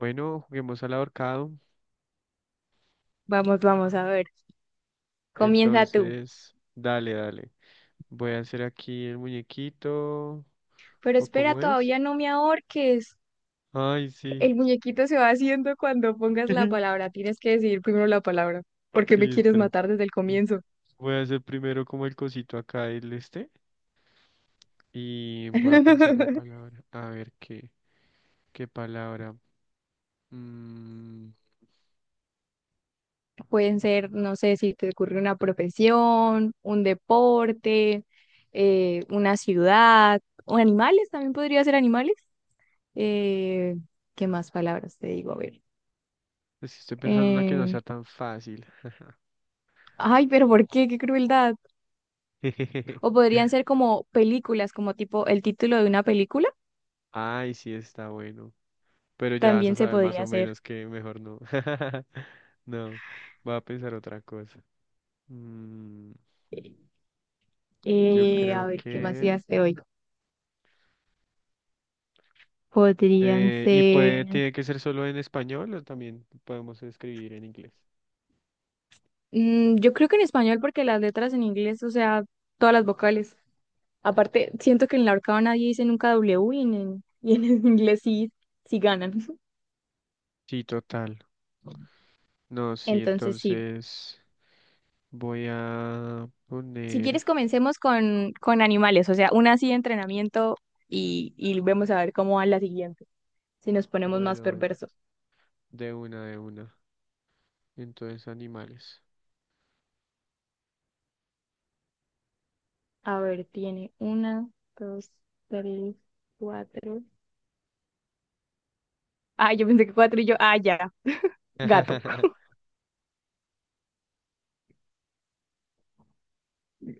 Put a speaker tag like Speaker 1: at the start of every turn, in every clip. Speaker 1: Bueno, juguemos al ahorcado.
Speaker 2: Vamos, vamos a ver. Comienza tú.
Speaker 1: Entonces, dale, dale. Voy a hacer aquí el muñequito.
Speaker 2: Pero
Speaker 1: ¿O
Speaker 2: espera,
Speaker 1: cómo es?
Speaker 2: todavía no me ahorques.
Speaker 1: Ay, sí.
Speaker 2: El muñequito se va haciendo cuando pongas la palabra. Tienes que decidir primero la palabra. ¿Por qué me
Speaker 1: Sí,
Speaker 2: quieres
Speaker 1: espera.
Speaker 2: matar desde el comienzo?
Speaker 1: Voy a hacer primero como el cosito acá, el este. Y voy a pensar la palabra. A ver qué, qué palabra. Mm,
Speaker 2: Pueden ser, no sé, si te ocurre una profesión, un deporte, una ciudad, o animales, también podría ser animales. Eh, ¿Qué más palabras te digo? A ver.
Speaker 1: es que estoy pensando una que no sea
Speaker 2: Eh,
Speaker 1: tan fácil.
Speaker 2: Ay, pero ¿por qué? ¡Qué crueldad! O podrían ser como películas, como tipo el título de una película,
Speaker 1: Ay, sí, está bueno. Pero ya vas a
Speaker 2: también se
Speaker 1: saber más
Speaker 2: podría
Speaker 1: o
Speaker 2: hacer.
Speaker 1: menos que mejor no. No, voy a pensar otra cosa. Mm, yo
Speaker 2: A
Speaker 1: creo
Speaker 2: ver, ¿qué más
Speaker 1: que...
Speaker 2: ideas te oigo? Podrían
Speaker 1: ¿Y puede,
Speaker 2: ser
Speaker 1: tiene que ser solo en español o también podemos escribir en inglés?
Speaker 2: yo creo que en español, porque las letras en inglés, o sea, todas las vocales. Aparte, siento que en la horcada nadie dice nunca W y y en el inglés sí, sí ganan.
Speaker 1: Sí, total. No, sí,
Speaker 2: Entonces sí.
Speaker 1: entonces voy a
Speaker 2: Si
Speaker 1: poner...
Speaker 2: quieres, comencemos con animales, o sea, una así de entrenamiento y vemos a ver cómo va la siguiente, si nos ponemos más
Speaker 1: Bueno,
Speaker 2: perversos.
Speaker 1: de una, de una. Entonces, animales.
Speaker 2: A ver, tiene una, dos, tres, cuatro. Ah, yo pensé que cuatro y yo, ah, ya, gato.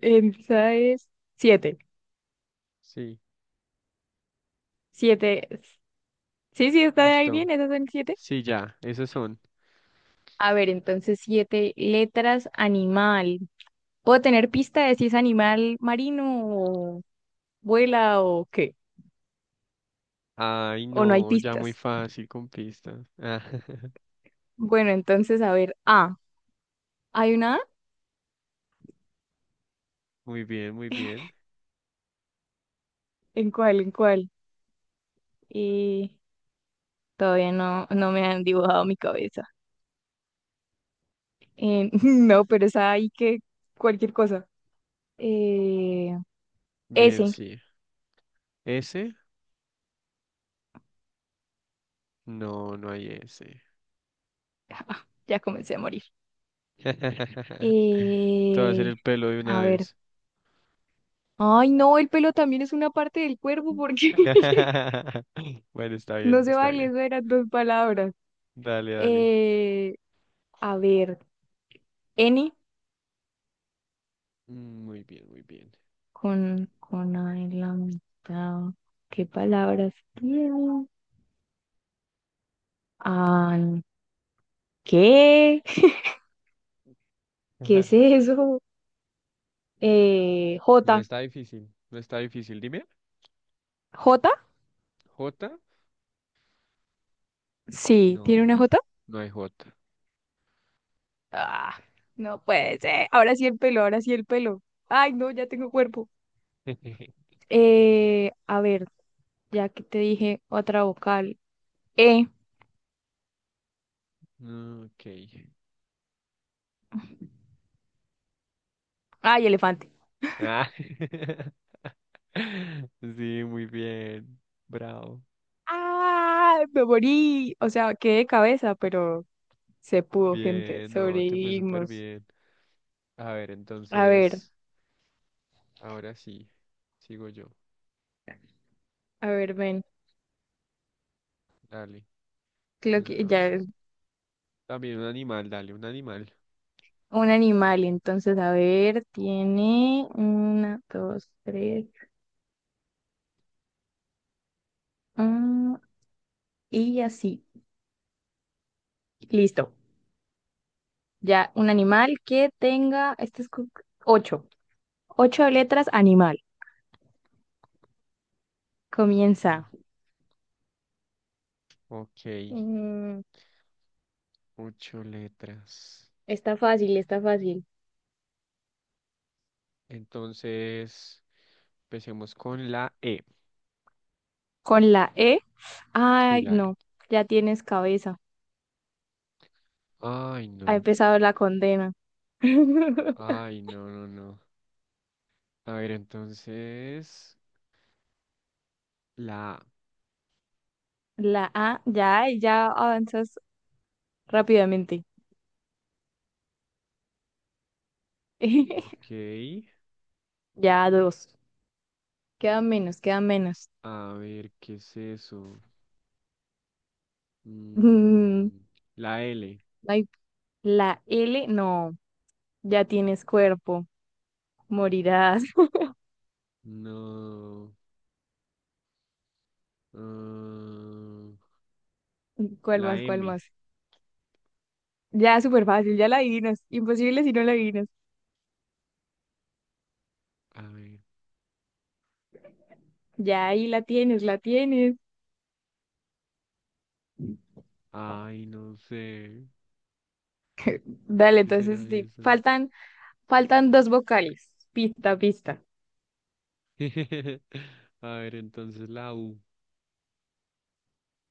Speaker 2: Esa es siete.
Speaker 1: Sí,
Speaker 2: Siete. Sí, sí, está ahí
Speaker 1: listo.
Speaker 2: bien, esas son siete.
Speaker 1: Sí, ya, esos son.
Speaker 2: A ver, entonces siete letras, animal. ¿Puedo tener pista de si es animal marino o vuela o qué?
Speaker 1: Ay,
Speaker 2: ¿O no hay
Speaker 1: no, ya muy
Speaker 2: pistas?
Speaker 1: fácil con pistas.
Speaker 2: Bueno, entonces, a ver, A. ¿Hay una A?
Speaker 1: Muy bien, muy bien.
Speaker 2: ¿En cuál? ¿En cuál? Y todavía no me han dibujado mi cabeza. No, pero es ahí que cualquier cosa. Eh,
Speaker 1: Bien,
Speaker 2: Ese.
Speaker 1: sí. ¿Ese? No, no hay ese.
Speaker 2: Ah, ya comencé a morir.
Speaker 1: Te va a hacer
Speaker 2: Eh,
Speaker 1: el pelo de una
Speaker 2: a ver.
Speaker 1: vez.
Speaker 2: Ay, no, el pelo también es una parte del cuerpo porque
Speaker 1: Bueno, está
Speaker 2: no
Speaker 1: bien,
Speaker 2: se
Speaker 1: está
Speaker 2: vale,
Speaker 1: bien.
Speaker 2: eso eran dos palabras.
Speaker 1: Dale, dale.
Speaker 2: Eh, a ver, N
Speaker 1: Mm, muy bien, muy bien.
Speaker 2: con A en la mitad. ¿Qué palabras tiene? Ay, ¿qué? ¿Qué es eso? J.
Speaker 1: No está difícil, no está difícil. Dime,
Speaker 2: ¿J?
Speaker 1: ¿J?
Speaker 2: Sí, tiene una
Speaker 1: No,
Speaker 2: J.
Speaker 1: no hay J.
Speaker 2: Ah, no puede ser. Ahora sí el pelo, ahora sí el pelo. Ay, no, ya tengo cuerpo. A ver, ya que te dije otra vocal. E.
Speaker 1: Mm, ok.
Speaker 2: Ay, elefante.
Speaker 1: Ah. Sí, muy bien. Bravo.
Speaker 2: Ah, me morí. O sea, quedé de cabeza, pero se pudo, gente.
Speaker 1: Bien, no, te fue súper
Speaker 2: Sobrevivimos.
Speaker 1: bien. A ver,
Speaker 2: A ver,
Speaker 1: entonces, ahora sí, sigo yo.
Speaker 2: a ver, ven.
Speaker 1: Dale,
Speaker 2: Creo que ya es
Speaker 1: entonces. También un animal, dale, un animal.
Speaker 2: un animal. Entonces, a ver, tiene una, dos, tres. Ah, y así. Listo. Ya, un animal que tenga, este es ocho, ocho letras animal.
Speaker 1: Mm,
Speaker 2: Comienza.
Speaker 1: ok,
Speaker 2: Mm,
Speaker 1: ocho letras.
Speaker 2: Está fácil, está fácil.
Speaker 1: Entonces, empecemos con la E.
Speaker 2: Con la E.
Speaker 1: Sí,
Speaker 2: Ay,
Speaker 1: la E.
Speaker 2: no, ya tienes cabeza.
Speaker 1: Ay,
Speaker 2: Ha
Speaker 1: no.
Speaker 2: empezado la condena.
Speaker 1: Ay, no, no, no. A ver, entonces, la A.
Speaker 2: La A, ya, ahí ya avanzas rápidamente.
Speaker 1: Ok.
Speaker 2: Ya dos. Quedan menos, quedan menos.
Speaker 1: A ver, ¿qué es eso?
Speaker 2: Mm,
Speaker 1: Mm, la L.
Speaker 2: Ay, la L, no, ya tienes cuerpo. Morirás.
Speaker 1: No. Ah,
Speaker 2: ¿Cuál
Speaker 1: la
Speaker 2: más? ¿Cuál
Speaker 1: M.
Speaker 2: más? Ya, súper fácil, ya la adivinas. Imposible si no la adivinas.
Speaker 1: A ver.
Speaker 2: Ya ahí la tienes, la tienes.
Speaker 1: Ay, no sé.
Speaker 2: Dale,
Speaker 1: ¿Qué
Speaker 2: entonces
Speaker 1: será
Speaker 2: sí.
Speaker 1: eso?
Speaker 2: Faltan dos vocales. Pista, pista.
Speaker 1: A ver, entonces la U.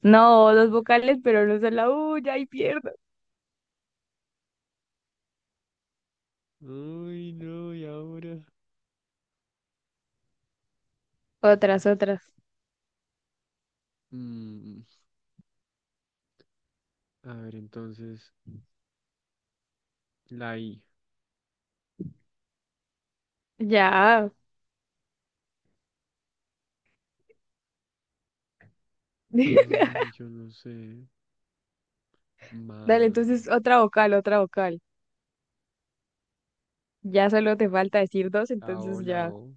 Speaker 2: No, dos vocales, pero no son la U, ya ahí pierdo.
Speaker 1: Ay, no, ¿y ahora?
Speaker 2: Otras, otras.
Speaker 1: Mm, a ver, entonces la I.
Speaker 2: Ya.
Speaker 1: Ay, yo no sé.
Speaker 2: Dale,
Speaker 1: Ma.
Speaker 2: entonces otra vocal, otra vocal. Ya solo te falta decir dos, entonces
Speaker 1: La
Speaker 2: ya.
Speaker 1: O.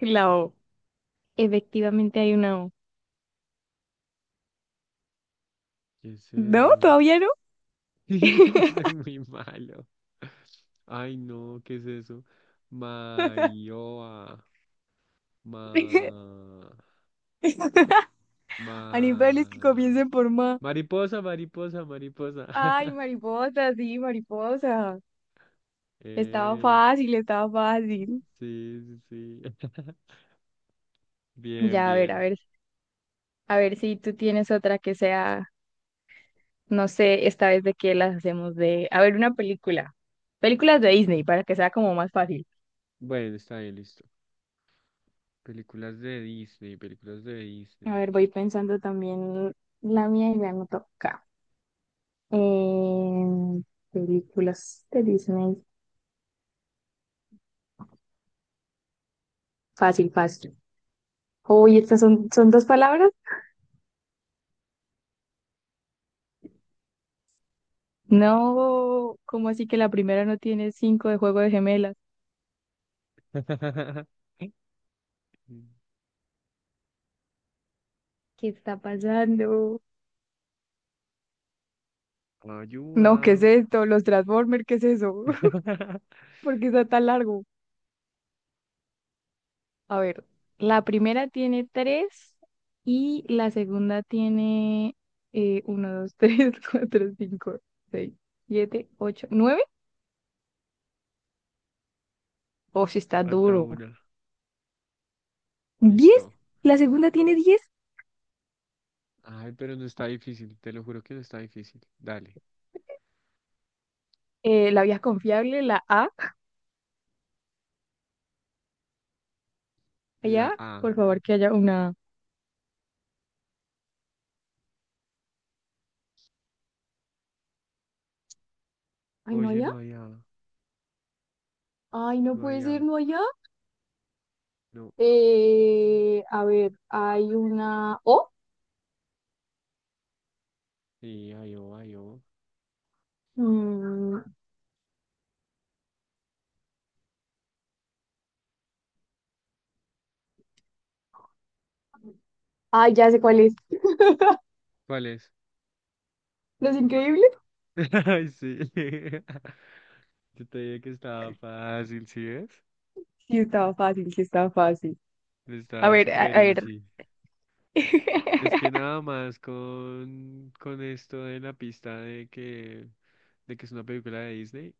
Speaker 2: La O. Efectivamente hay una O.
Speaker 1: ¿Qué es
Speaker 2: No,
Speaker 1: eso?
Speaker 2: todavía no.
Speaker 1: Soy muy malo. Ay, no, ¿qué es eso? Mayoa. Ma.
Speaker 2: Animales que
Speaker 1: Ma.
Speaker 2: comiencen por ma.
Speaker 1: Mariposa, mariposa, mariposa.
Speaker 2: Ay, mariposa, sí, mariposa. Estaba
Speaker 1: Eh,
Speaker 2: fácil, estaba fácil.
Speaker 1: sí, sí, sí. Bien,
Speaker 2: Ya, a ver, a
Speaker 1: bien.
Speaker 2: ver, a ver si tú tienes otra que sea, no sé, esta vez de qué las hacemos de, a ver, una película. Películas de Disney para que sea como más fácil.
Speaker 1: Bueno, está bien, listo. Películas de Disney, películas de
Speaker 2: A
Speaker 1: Disney.
Speaker 2: ver, voy pensando también la mía y la anoto acá. Em, Películas de Disney. Fácil, fácil. Uy, estas son, son dos palabras. No, ¿cómo así que la primera no tiene cinco de juego de gemelas? ¿Qué está pasando? No, ¿qué
Speaker 1: Ayuda.
Speaker 2: es esto? Los Transformers, ¿qué es eso? ¿Por qué está tan largo? A ver, la primera tiene tres y la segunda tiene uno, dos, tres, cuatro, cinco, seis, siete, ocho, nueve. Oh, sí está
Speaker 1: Falta
Speaker 2: duro.
Speaker 1: una.
Speaker 2: ¿10?
Speaker 1: Listo.
Speaker 2: La segunda tiene 10.
Speaker 1: Ay, pero no está difícil, te lo juro que no está difícil. Dale.
Speaker 2: La vía confiable, la A.
Speaker 1: La
Speaker 2: Allá,
Speaker 1: A.
Speaker 2: por favor, que haya una. Ay, no
Speaker 1: Oye, no
Speaker 2: allá.
Speaker 1: hay A.
Speaker 2: Ay, no
Speaker 1: No
Speaker 2: puede
Speaker 1: hay A.
Speaker 2: ser, no allá.
Speaker 1: No.
Speaker 2: A ver, hay una O.
Speaker 1: Sí, hay O, hay O.
Speaker 2: Mm, Ay, ya sé cuál es.
Speaker 1: ¿Cuál es?
Speaker 2: ¿Los Increíbles?
Speaker 1: Ay, sí. Yo te dije que estaba fácil, ¿sí ves?
Speaker 2: Sí, estaba fácil, sí, estaba fácil. A
Speaker 1: Estaba
Speaker 2: ver, a,
Speaker 1: súper
Speaker 2: a ver.
Speaker 1: easy. Es que nada más con esto de la pista de que es una película de Disney,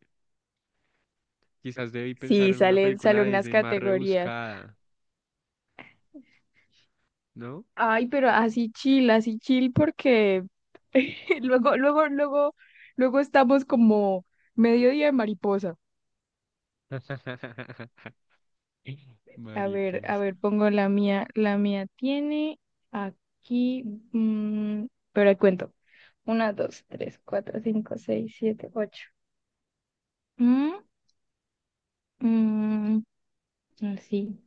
Speaker 1: quizás debí pensar
Speaker 2: Sí,
Speaker 1: en una
Speaker 2: salen,
Speaker 1: película
Speaker 2: salen
Speaker 1: de
Speaker 2: unas
Speaker 1: Disney más
Speaker 2: categorías.
Speaker 1: rebuscada, ¿no?
Speaker 2: Ay, pero así chill porque luego, luego, luego, luego estamos como mediodía de mariposa. A
Speaker 1: Mariposa.
Speaker 2: ver, pongo la mía. La mía tiene aquí, mm, pero ahí cuento. Una, dos, tres, cuatro, cinco, seis, siete, ocho. Mm, mm, Así.